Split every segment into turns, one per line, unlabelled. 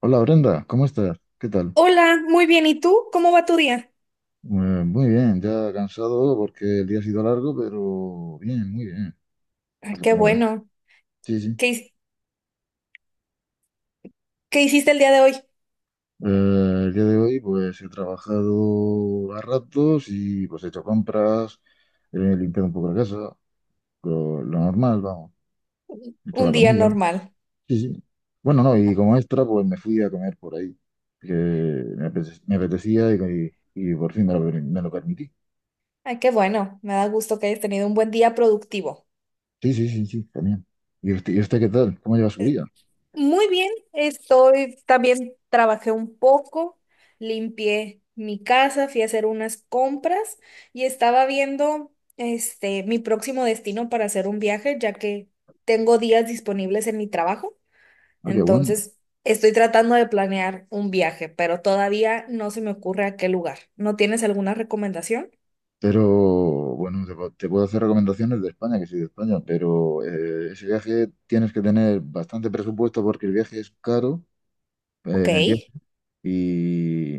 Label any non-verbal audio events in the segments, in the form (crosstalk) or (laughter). Hola Brenda, ¿cómo estás? ¿Qué tal?
Hola, muy bien. ¿Y tú? ¿Cómo va tu día?
Muy bien, ya cansado porque el día ha sido largo, pero bien, muy bien,
Ay, qué
afortunadamente.
bueno.
Sí, sí.
¿Qué, his- Qué hiciste el día de hoy?
El día de hoy pues he trabajado a ratos y pues he hecho compras, he limpiado un poco la casa, lo normal, vamos, he hecho la
Un día
comida.
normal.
Sí, sí. Bueno, no, y como extra pues me fui a comer por ahí, que me apetecía y por fin me lo permití.
Ay, qué bueno. Me da gusto que hayas tenido un buen día productivo.
Sí, sí, sí, sí, también. Y usted qué tal? ¿Cómo lleva su día?
Muy bien. Estoy, también trabajé un poco, limpié mi casa, fui a hacer unas compras y estaba viendo este mi próximo destino para hacer un viaje, ya que tengo días disponibles en mi trabajo.
Ah, qué bueno.
Entonces, estoy tratando de planear un viaje, pero todavía no se me ocurre a qué lugar. ¿No tienes alguna recomendación?
Pero bueno, te puedo hacer recomendaciones de España, que soy de España, pero ese viaje tienes que tener bastante presupuesto porque el viaje es caro,
Ok.
en el viaje y,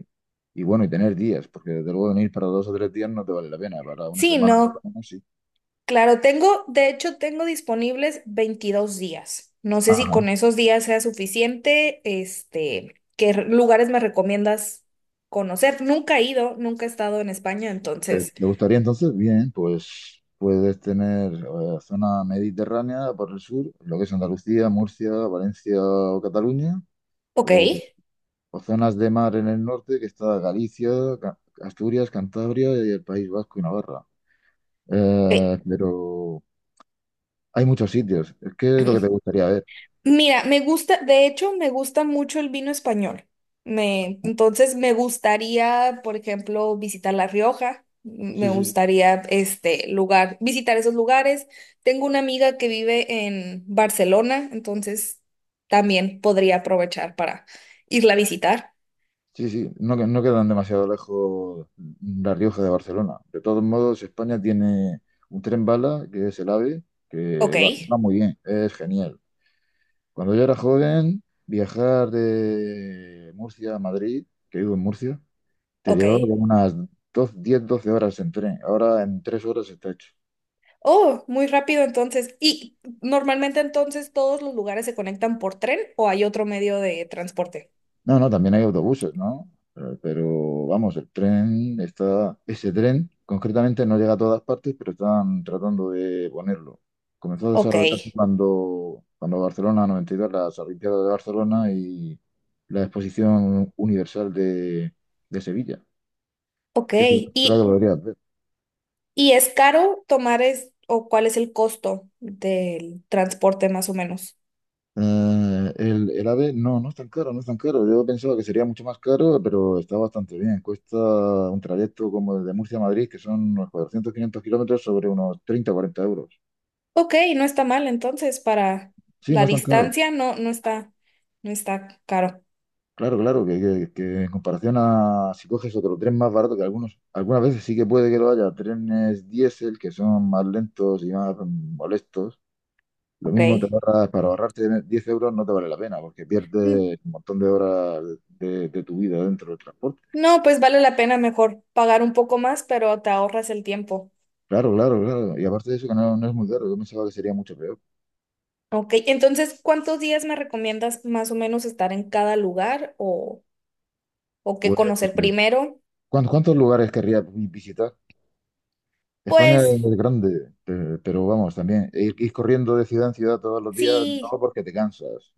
y bueno, y tener días, porque desde luego venir para 2 o 3 días no te vale la pena, para una
Sí,
semana por lo
no.
menos sí.
Claro, tengo, de hecho, tengo disponibles 22 días. No sé si
Ajá.
con esos días sea suficiente. Este, ¿ lugares me recomiendas conocer? Nunca he ido, nunca he estado en España,
¿Te,
entonces.
te gustaría entonces? Bien, pues puedes tener zona mediterránea por el sur, lo que es Andalucía, Murcia, Valencia o Cataluña,
Ok.
o zonas de mar en el norte, que está Galicia, Asturias, Cantabria y el País Vasco y Navarra.
Ok.
Pero hay muchos sitios. ¿Qué es lo que te
(clears throat)
gustaría ver?
Mira, me gusta, de hecho, me gusta mucho el vino español. Me, entonces me gustaría, por ejemplo, visitar La Rioja. Me
Sí, sí, sí.
gustaría este lugar, visitar esos lugares. Tengo una amiga que vive en Barcelona, entonces también podría aprovechar para irla a visitar.
Sí, sí. No, no quedan demasiado lejos La Rioja de Barcelona. De todos modos, España tiene un tren bala, que es el AVE, que
Ok,
va muy bien, es genial. Cuando yo era joven, viajar de Murcia a Madrid, que vivo en Murcia, te
ok.
llevaba como unas dos, 10 12 horas en tren. Ahora en 3 horas está hecho.
Oh, muy rápido entonces. ¿Y normalmente entonces todos los lugares se conectan por tren o hay otro medio de transporte?
No, no, también hay autobuses, ¿no? Vamos, el tren está. Ese tren concretamente no llega a todas partes, pero están tratando de ponerlo. Comenzó a
Ok,
desarrollarse cuando Barcelona 92, las Olimpiadas de Barcelona y la Exposición Universal de Sevilla,
ok.
que es lo que lo
¿Y
deberías ver.
¿Y es caro tomar es, o cuál es el costo del transporte más o menos?
El AVE no, no es tan caro, no es tan caro. Yo pensaba que sería mucho más caro, pero está bastante bien. Cuesta un trayecto como el de Murcia a Madrid, que son unos 400-500 kilómetros sobre unos 30-40 euros.
Ok, no está mal entonces para
Sí, no
la
es tan caro.
distancia, no, no está, no está caro.
Claro, claro, que en comparación a si coges otro tren más barato, que algunos, algunas veces sí que puede que lo haya, trenes diésel que son más lentos y más molestos. Lo mismo te
Ok.
ahorras, para ahorrarte 10 euros no te vale la pena, porque
Mm,
pierdes un montón de horas de tu vida dentro del transporte.
no, pues vale la pena mejor pagar un poco más, pero te ahorras el tiempo.
Claro, claro, claro. Y aparte de eso, que no, no es muy caro. Yo pensaba que sería mucho peor.
Ok, entonces, ¿cuántos días me recomiendas más o menos estar en cada lugar o qué
Pues,
conocer primero?
¿cuántos lugares visitar? España
Pues
es grande, pero, vamos, también ir corriendo de ciudad en ciudad todos los días, no
sí.
porque te cansas.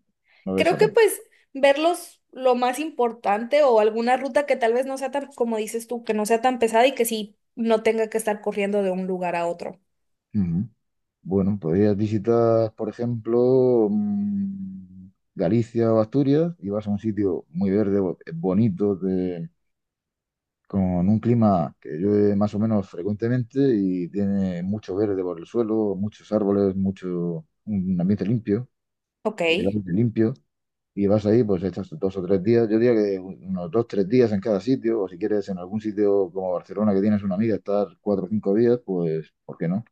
No ves
Creo que
apenas.
pues verlos lo más importante o alguna ruta que tal vez no sea tan, como dices tú, que no sea tan pesada y que sí no tenga que estar corriendo de un lugar a otro.
Ujú. Bueno, podrías visitar, por ejemplo, Galicia o Asturias y vas a un sitio muy verde, bonito, con un clima que llueve más o menos frecuentemente y tiene mucho verde por el suelo, muchos árboles, mucho, un ambiente limpio,
Ok,
y el aire limpio, y vas ahí, pues estás 2 o 3 días, yo diría que unos 2, 3 días en cada sitio, o si quieres en algún sitio como Barcelona que tienes una amiga, estar 4 o 5 días, pues, ¿por qué no?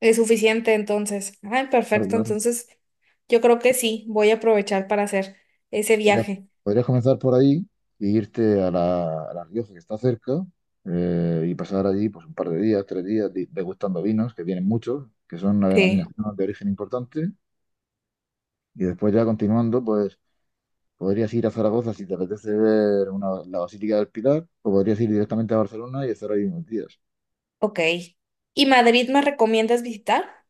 es suficiente entonces. Ay,
Claro,
perfecto.
claro.
Entonces yo creo que sí, voy a aprovechar para hacer ese
Podrías,
viaje.
podrías comenzar por ahí e irte a a La Rioja, que está cerca, y pasar allí pues, un par de días, 3 días, degustando vinos, que tienen muchos, que son una
Sí.
denominación de origen importante. Y después ya continuando, pues podrías ir a Zaragoza si te apetece ver la Basílica del Pilar, o podrías ir directamente a Barcelona y estar ahí unos días.
Ok. ¿Y Madrid me recomiendas visitar?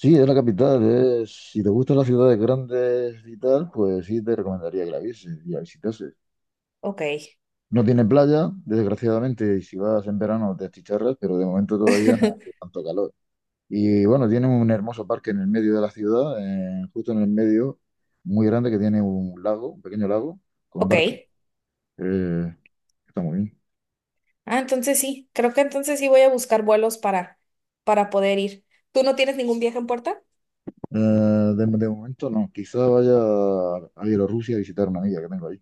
Sí, es la capital, si te gustan las ciudades grandes y tal, pues sí te recomendaría que la vieses y la visitases.
Ok.
No tiene playa, desgraciadamente, y si vas en verano te achicharras, pero de momento todavía no hace
(laughs)
tanto calor. Y bueno, tiene un hermoso parque en el medio de la ciudad, justo en el medio, muy grande, que tiene un lago, un pequeño lago, con
Ok.
barca. Eh, Está muy bien.
Ah, entonces sí, creo que entonces sí voy a buscar vuelos para poder ir. ¿Tú no tienes ningún viaje en puerta?
Eh, de momento no, quizá vaya a Bielorrusia a visitar una amiga que tengo ahí.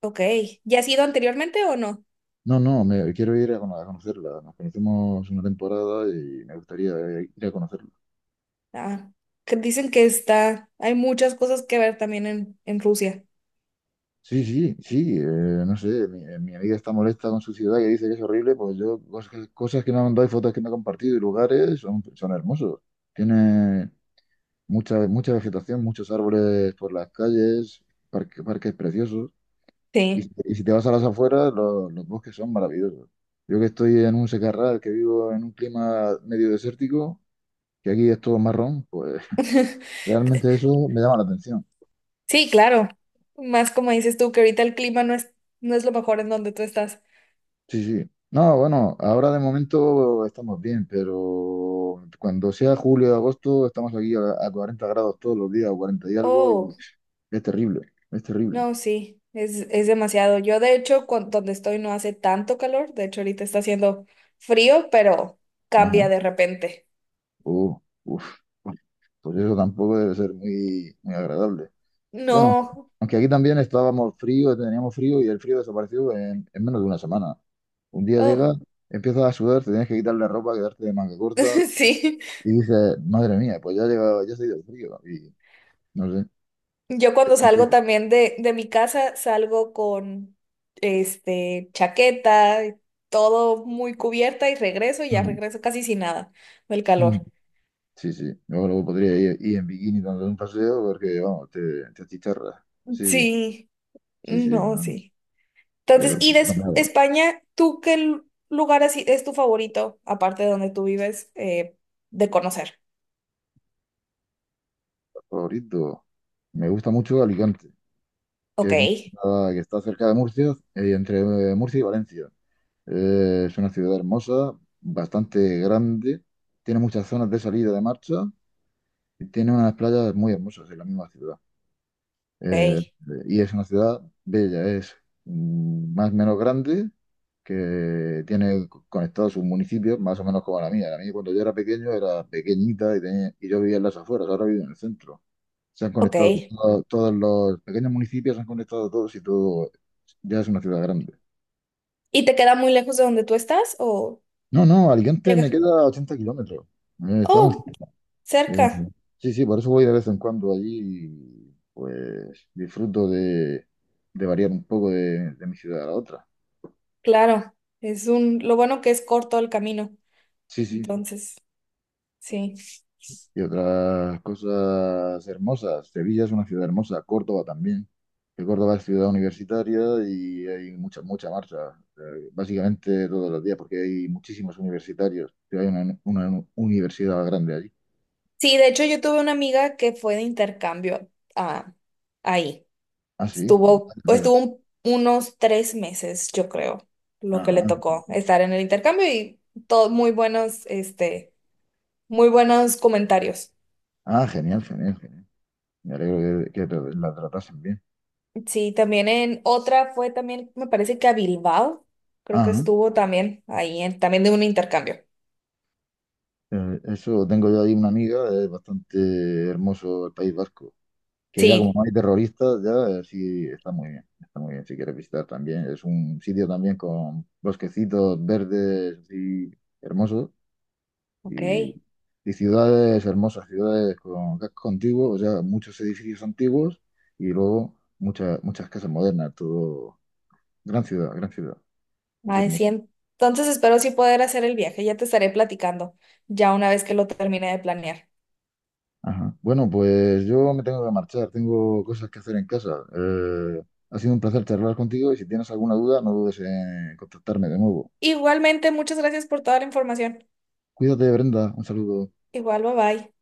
Ok, ¿ya has ido anteriormente o no?
No, no, quiero ir a conocerla. Nos conocemos una temporada y me gustaría ir a conocerla.
Ah, que dicen que está, hay muchas cosas que ver también en Rusia.
Sí, sí, sí, no sé, mi amiga está molesta con su ciudad y dice que es horrible, pues yo cosas que me ha mandado y fotos que me ha compartido y lugares son, son hermosos. Tiene mucha, mucha vegetación, muchos árboles por las calles, parques preciosos. Y, si
Sí,
y si te vas a las afueras, los bosques son maravillosos. Yo que estoy en un secarral, que vivo en un clima medio desértico, que aquí es todo marrón, pues realmente eso me llama la atención.
sí, claro. Más como dices tú, que ahorita el clima no es, no es lo mejor en donde tú estás.
Sí, sí. No, bueno, ahora de momento estamos bien, pero cuando sea julio o agosto estamos aquí a 40 grados todos los días, o 40 y algo,
Oh,
y es terrible, es terrible.
no, sí, es demasiado. Yo de hecho, donde estoy no hace tanto calor, de hecho ahorita está haciendo frío, pero
Ajá.
cambia de repente.
Uh, Uf. Pues eso tampoco debe ser muy, muy agradable. Bueno,
No,
aunque aquí también estábamos frío, teníamos frío y el frío desapareció en menos de una semana. Un día
oh,
llega, empiezas a sudar, te tienes que quitar la ropa, quedarte de manga corta
(laughs) sí.
y dices, madre mía, pues ya ha llegado, ya se ha ido el frío. Y no
Yo cuando salgo
sé.
también de mi casa, salgo con este chaqueta, todo muy cubierta y regreso y ya
Ujú.
regreso casi sin nada del
Ujú.
calor.
Sí, sí. Yo luego podría ir en bikini dando un paseo porque, vamos, te achicharras. Sí, sí,
Sí,
sí, sí.
no,
No,
sí. Entonces,
pero
y de
no me da.
España, ¿tú qué lugar así es tu favorito, aparte de donde tú vives, de conocer?
Favorito. Me gusta mucho Alicante,
Ok,
que es una ciudad que está cerca de Murcia, entre Murcia y Valencia. Es una ciudad hermosa, bastante grande, tiene muchas zonas de salida de marcha y tiene unas playas muy hermosas en la misma ciudad. Eh,
ok,
y es una ciudad bella, es más o menos grande, que tiene conectados sus municipios, más o menos como la mía. La mía cuando yo era pequeño era pequeñita y yo vivía en las afueras, ahora vivo en el centro. Se han
ok.
conectado todos los pequeños municipios, se han conectado todos y todo ya es una ciudad grande.
¿Y te queda muy lejos de donde tú estás o
No, no, Alicante me
llegar?
queda 80 kilómetros. Está muy
Oh,
cerca.
cerca,
Ujú. Sí, sí, por eso voy de vez en cuando allí y pues disfruto de variar un poco de mi ciudad a la otra.
claro. Es un, lo bueno que es corto el camino.
Sí, sí, sí.
Entonces, sí.
Y otras cosas hermosas. Sevilla es una ciudad hermosa, Córdoba también. Que Córdoba es ciudad universitaria y hay mucha, mucha marcha, básicamente todos los días, porque hay muchísimos universitarios. Que hay una universidad grande allí.
Sí, de hecho yo tuve una amiga que fue de intercambio a, ahí.
Ah, sí.
Estuvo,
Vaya, vaya.
estuvo unos 3 meses, yo creo, lo que
Ajá.
le tocó estar en el intercambio y todo muy buenos, este, muy buenos comentarios.
Ah, genial, genial, genial. Me alegro que, la tratasen bien.
Sí, también en otra fue también, me parece que a Bilbao, creo que
Ajá.
estuvo también ahí, también de un intercambio.
Eso, tengo yo ahí una amiga, es bastante hermoso el País Vasco, que ya como
Sí,
no hay terroristas, sí está muy bien si quieres visitar también. Es un sitio también con bosquecitos verdes así hermosos
ok.
y, y ciudades hermosas, ciudades con casco antiguo, o sea, muchos edificios antiguos y luego muchas, muchas casas modernas, todo, gran ciudad, es
Ay,
hermoso.
sí. Entonces espero sí poder hacer el viaje. Ya te estaré platicando, ya una vez que lo termine de planear.
Ajá. Bueno, pues yo me tengo que marchar, tengo cosas que hacer en casa. Ha sido un placer charlar contigo y si tienes alguna duda, no dudes en contactarme de nuevo.
Igualmente, muchas gracias por toda la información.
Cuídate, Brenda, un saludo.
Igual, bye bye.